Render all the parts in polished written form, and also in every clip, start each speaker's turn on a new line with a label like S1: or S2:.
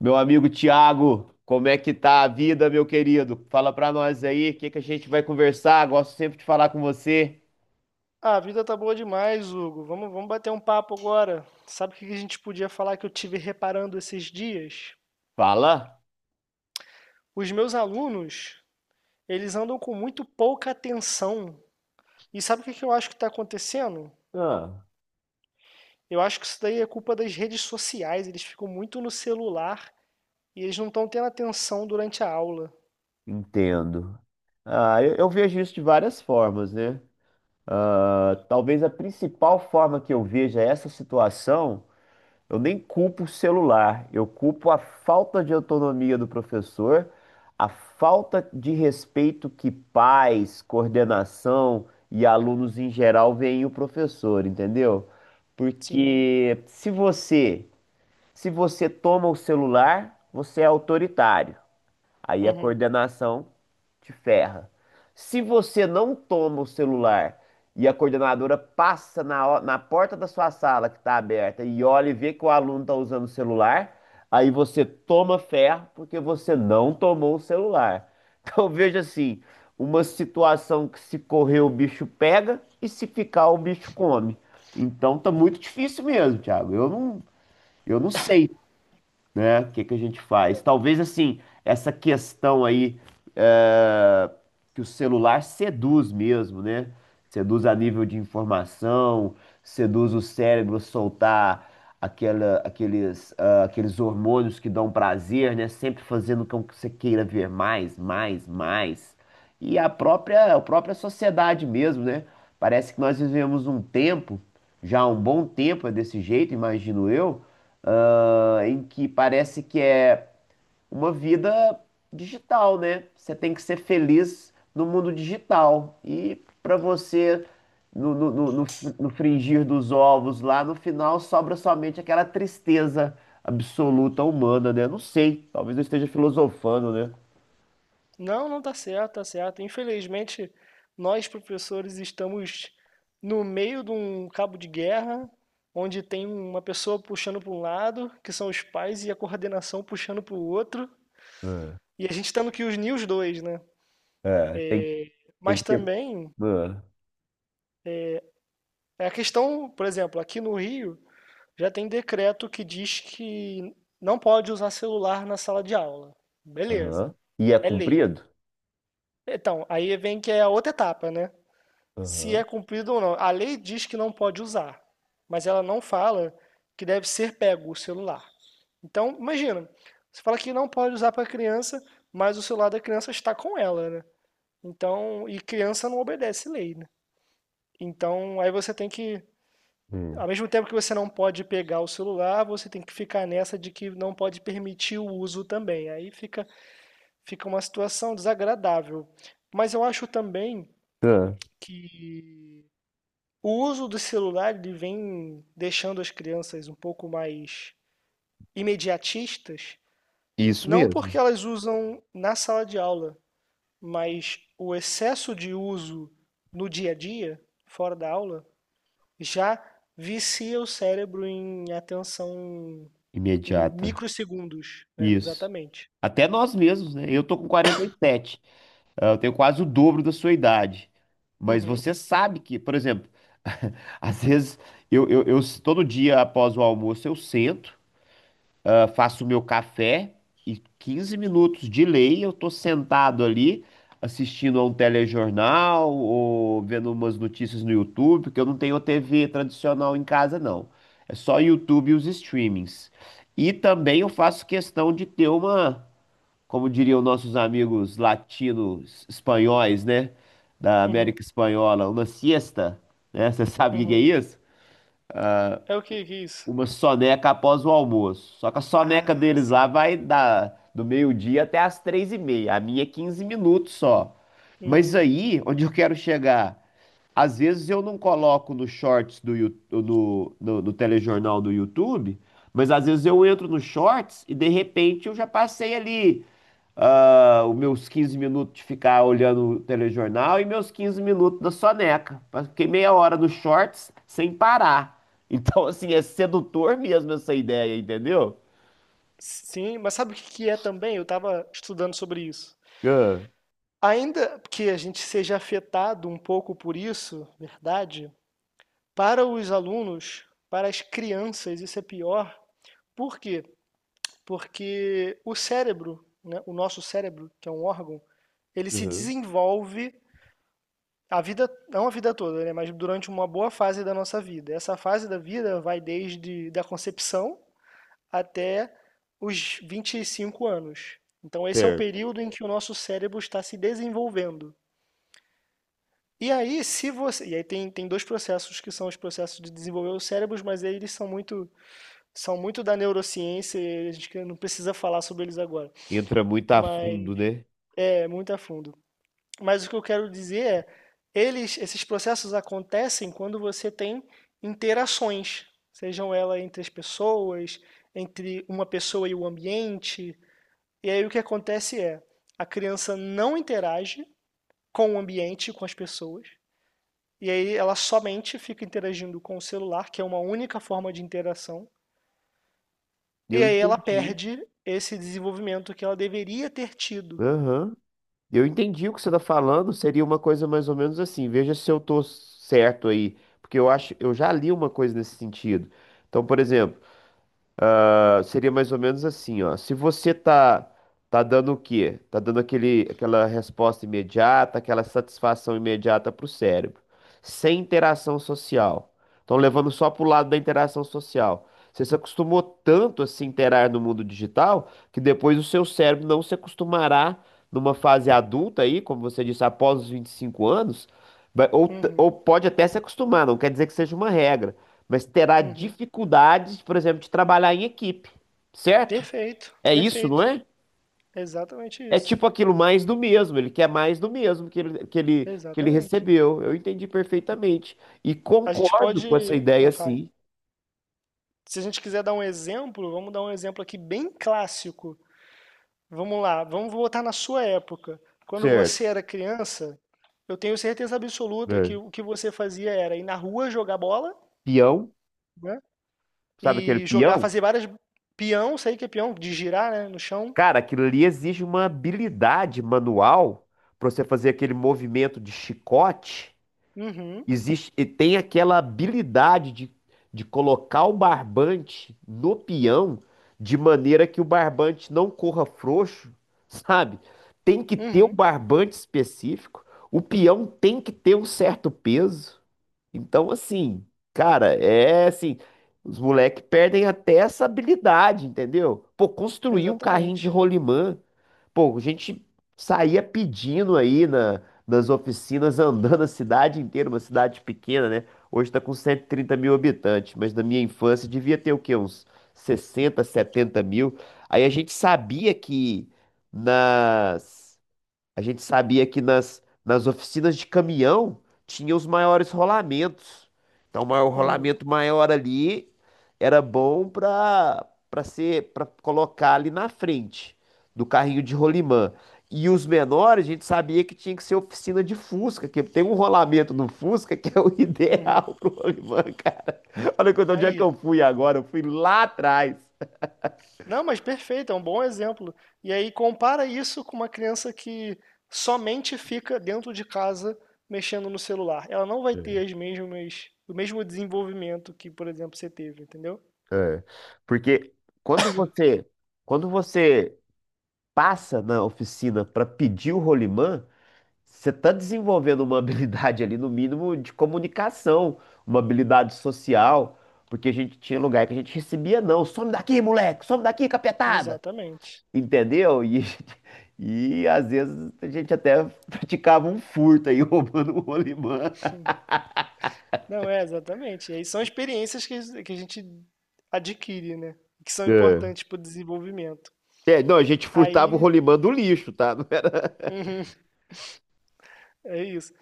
S1: Meu amigo Tiago, como é que tá a vida, meu querido? Fala pra nós aí, o que que a gente vai conversar? Gosto sempre de falar com você.
S2: Ah, a vida tá boa demais, Hugo. Vamos bater um papo agora. Sabe o que que a gente podia falar que eu tive reparando esses dias?
S1: Fala?
S2: Os meus alunos, eles andam com muito pouca atenção. E sabe o que que eu acho que está acontecendo?
S1: Ah,
S2: Eu acho que isso daí é culpa das redes sociais. Eles ficam muito no celular e eles não estão tendo atenção durante a aula.
S1: Entendo. Eu vejo isso de várias formas, né? Talvez a principal forma que eu veja essa situação. Eu nem culpo o celular, eu culpo a falta de autonomia do professor, a falta de respeito que pais, coordenação e alunos em geral veem o professor, entendeu?
S2: Sim.
S1: Porque se você, Se você toma o celular, você é autoritário. Aí a
S2: Uhum.
S1: coordenação te ferra. Se você não toma o celular e a coordenadora passa na porta da sua sala que está aberta e olha e vê que o aluno está usando o celular, aí você toma ferro porque você não tomou o celular. Então veja assim, uma situação que se correr o bicho pega e se ficar o bicho come. Então tá muito difícil mesmo, Thiago. Eu não sei, né? O que que a gente faz? Talvez assim, essa questão aí é, que o celular seduz mesmo, né? Seduz a nível de informação, seduz o cérebro a soltar aqueles hormônios que dão prazer, né? Sempre fazendo com que você queira ver mais, mais, mais. E a própria sociedade mesmo, né? Parece que nós vivemos um tempo, já há um bom tempo é desse jeito, imagino eu, em que parece que é uma vida digital, né? Você tem que ser feliz no mundo digital. E para você, no frigir dos ovos lá, no final sobra somente aquela tristeza absoluta humana, né? Não sei, talvez eu esteja filosofando, né?
S2: Não, não tá certo, tá certo. Infelizmente, nós professores estamos no meio de um cabo de guerra, onde tem uma pessoa puxando para um lado, que são os pais, e a coordenação puxando para o outro,
S1: Ah,
S2: e a gente tendo que unir os dois, né?
S1: É, tem
S2: Mas
S1: que ter.
S2: também
S1: ah,
S2: é a questão, por exemplo, aqui no Rio já tem decreto que diz que não pode usar celular na sala de aula.
S1: aham.
S2: Beleza,
S1: E é
S2: é lei.
S1: cumprido?
S2: Então, aí vem que é a outra etapa, né? Se é
S1: Aham.
S2: cumprido ou não. A lei diz que não pode usar, mas ela não fala que deve ser pego o celular. Então, imagina, você fala que não pode usar para criança, mas o celular da criança está com ela, né? Então, e criança não obedece lei, né? Então, aí você tem que,
S1: Hum.
S2: ao mesmo tempo que você não pode pegar o celular, você tem que ficar nessa de que não pode permitir o uso também. Aí fica uma situação desagradável. Mas eu acho também
S1: Ah,
S2: que o uso do celular ele vem deixando as crianças um pouco mais imediatistas,
S1: Isso
S2: não
S1: mesmo.
S2: porque elas usam na sala de aula, mas o excesso de uso no dia a dia, fora da aula, já vicia o cérebro em atenção em
S1: Imediata.
S2: microsegundos, né?
S1: Isso.
S2: Exatamente.
S1: Até nós mesmos, né? Eu tô com 47. Eu tenho quase o dobro da sua idade. Mas
S2: Uhum,
S1: você sabe que, por exemplo, às vezes todo dia após o almoço eu sento, faço o meu café e 15 minutos de lei eu tô sentado ali assistindo a um telejornal ou vendo umas notícias no YouTube, porque eu não tenho TV tradicional em casa, não. É só YouTube e os streamings. E também eu faço questão de ter uma, como diriam nossos amigos latinos espanhóis, né? Da
S2: uhum,
S1: América Espanhola, uma siesta, né? Você sabe o que que é
S2: uhum.
S1: isso?
S2: É o que que é isso?
S1: Uma soneca após o almoço. Só que a soneca
S2: Ah,
S1: deles lá
S2: sim.
S1: vai da, do meio-dia até às três e meia. A minha é 15 minutos só. Mas
S2: Uhum.
S1: aí, onde eu quero chegar? Às vezes eu não coloco no shorts do, no telejornal do YouTube, mas às vezes eu entro no shorts e de repente eu já passei ali os meus 15 minutos de ficar olhando o telejornal e meus 15 minutos da soneca. Mas fiquei meia hora nos shorts sem parar. Então, assim, é sedutor mesmo essa ideia, entendeu?
S2: Sim, mas sabe o que que é também? Eu estava estudando sobre isso.
S1: Ah,
S2: Ainda que a gente seja afetado um pouco por isso, verdade, para os alunos, para as crianças, isso é pior. Por quê? Porque o cérebro, né, o nosso cérebro, que é um órgão, ele se
S1: aham,
S2: desenvolve a vida, não a vida toda, né, mas durante uma boa fase da nossa vida. Essa fase da vida vai desde da concepção até os 25 anos. Então, esse é o
S1: certo.
S2: período em que o nosso cérebro está se desenvolvendo. E aí, se você, e aí tem dois processos que são os processos de desenvolver os cérebros, mas aí eles são muito da neurociência, e a gente não precisa falar sobre eles agora,
S1: Entra muito a
S2: mas
S1: fundo, né?
S2: é muito a fundo. Mas o que eu quero dizer é, eles, esses processos acontecem quando você tem interações, sejam elas entre as pessoas, entre uma pessoa e o ambiente. E aí o que acontece é, a criança não interage com o ambiente, com as pessoas, e aí ela somente fica interagindo com o celular, que é uma única forma de interação. E
S1: Eu
S2: aí ela
S1: entendi.
S2: perde esse desenvolvimento que ela deveria ter tido.
S1: Aham. Eu entendi o que você está falando. Seria uma coisa mais ou menos assim. Veja se eu tô certo aí. Porque eu acho, eu já li uma coisa nesse sentido. Então, por exemplo. Seria mais ou menos assim, ó. Se você tá Tá dando o quê? Tá dando aquela resposta imediata, aquela satisfação imediata pro cérebro, sem interação social. Então, levando só pro lado da interação social. Você se acostumou tanto a se interar no mundo digital que depois o seu cérebro não se acostumará numa fase adulta aí, como você disse, após os 25 anos, ou
S2: Uhum,
S1: pode até se acostumar, não quer dizer que seja uma regra, mas terá
S2: uhum.
S1: dificuldades, por exemplo, de trabalhar em equipe, certo?
S2: Perfeito,
S1: É isso, não
S2: perfeito.
S1: é?
S2: Exatamente
S1: É
S2: isso.
S1: tipo aquilo, mais do mesmo, ele quer mais do mesmo que que ele
S2: Exatamente.
S1: recebeu. Eu entendi perfeitamente. E
S2: A gente
S1: concordo com essa
S2: pode.
S1: ideia,
S2: Fala.
S1: sim,
S2: Se a gente quiser dar um exemplo, vamos dar um exemplo aqui bem clássico. Vamos lá, vamos voltar na sua época. Quando você
S1: certo?
S2: era criança, eu tenho certeza absoluta que
S1: É.
S2: o que você fazia era ir na rua jogar bola,
S1: Peão,
S2: né?
S1: sabe aquele
S2: E jogar,
S1: peão?
S2: fazer várias peão, sei que é peão, de girar, né, no chão.
S1: Cara, aquilo ali exige uma habilidade manual para você fazer aquele movimento de chicote.
S2: Uhum,
S1: Existe, e tem aquela habilidade de colocar o barbante no peão de maneira que o barbante não corra frouxo, sabe? Tem que ter o
S2: uhum,
S1: barbante específico, o peão tem que ter um certo peso. Então, assim, cara, é assim, os moleques perdem até essa habilidade, entendeu? Pô, construir um carrinho de
S2: exatamente.
S1: rolimã. Pô, a gente saía pedindo aí nas oficinas, andando a cidade inteira, uma cidade pequena, né? Hoje tá com 130 mil habitantes, mas na minha infância devia ter o quê? Uns sessenta, 70 mil. Aí nas a gente sabia que nas oficinas de caminhão tinha os maiores rolamentos. Então, o
S2: Uhum,
S1: rolamento maior ali era bom para para ser para colocar ali na frente do carrinho de rolimã. E os menores, a gente sabia que tinha que ser oficina de Fusca, que tem um rolamento no Fusca que é o
S2: uhum.
S1: ideal pro rolimã, cara. Olha quanto onde é que
S2: Aí.
S1: eu fui agora, eu fui lá atrás.
S2: Não, mas perfeito, é um bom exemplo. E aí compara isso com uma criança que somente fica dentro de casa mexendo no celular. Ela não vai ter as mesmas, o mesmo desenvolvimento que, por exemplo, você teve, entendeu?
S1: É, porque quando você quando você passa na oficina para pedir o rolimã, você está desenvolvendo uma habilidade ali, no mínimo, de comunicação, uma habilidade social, porque a gente tinha lugar que a gente recebia não, some daqui, moleque, some daqui, capetada,
S2: Exatamente.
S1: entendeu? E, e às vezes a gente até praticava um furto aí, roubando o rolimã.
S2: Não, é exatamente. E aí são experiências que a gente adquire, né? Que são
S1: É,
S2: importantes para o desenvolvimento.
S1: É, não, a gente furtava o
S2: Aí.
S1: rolimã do lixo, tá? Não era...
S2: Uhum, é isso.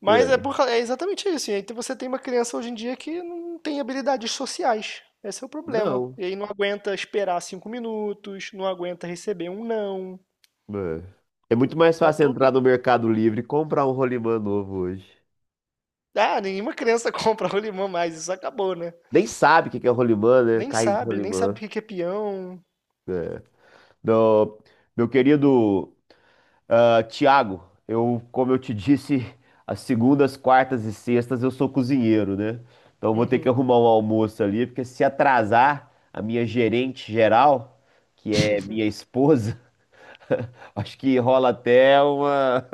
S2: Mas é,
S1: É.
S2: é exatamente isso. E aí você tem uma criança hoje em dia que não tem habilidades sociais. Esse é o problema.
S1: Não.
S2: E aí não aguenta esperar 5 minutos, não aguenta receber um não.
S1: É. É muito mais
S2: Tá
S1: fácil
S2: tudo.
S1: entrar no Mercado Livre e comprar um rolimã novo hoje.
S2: Ah, nenhuma criança compra rolimã mais. Isso acabou, né?
S1: Nem sabe o que que é rolimã, né?
S2: Nem
S1: Carrinho de
S2: sabe, nem sabe o
S1: rolimã.
S2: que que é peão.
S1: É. Não, meu querido, Tiago, eu, como eu te disse, as segundas, quartas e sextas eu sou cozinheiro, né? Então eu vou ter que
S2: Uhum,
S1: arrumar um almoço ali, porque se atrasar a minha gerente geral, que é minha esposa, acho que rola até uma.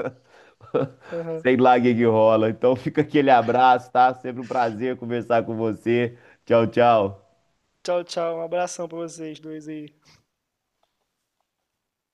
S2: aham.
S1: Sei lá o que que rola. Então fica aquele abraço, tá? Sempre um prazer conversar com você. Tchau, tchau.
S2: Tchau, tchau. Um abração pra vocês dois aí.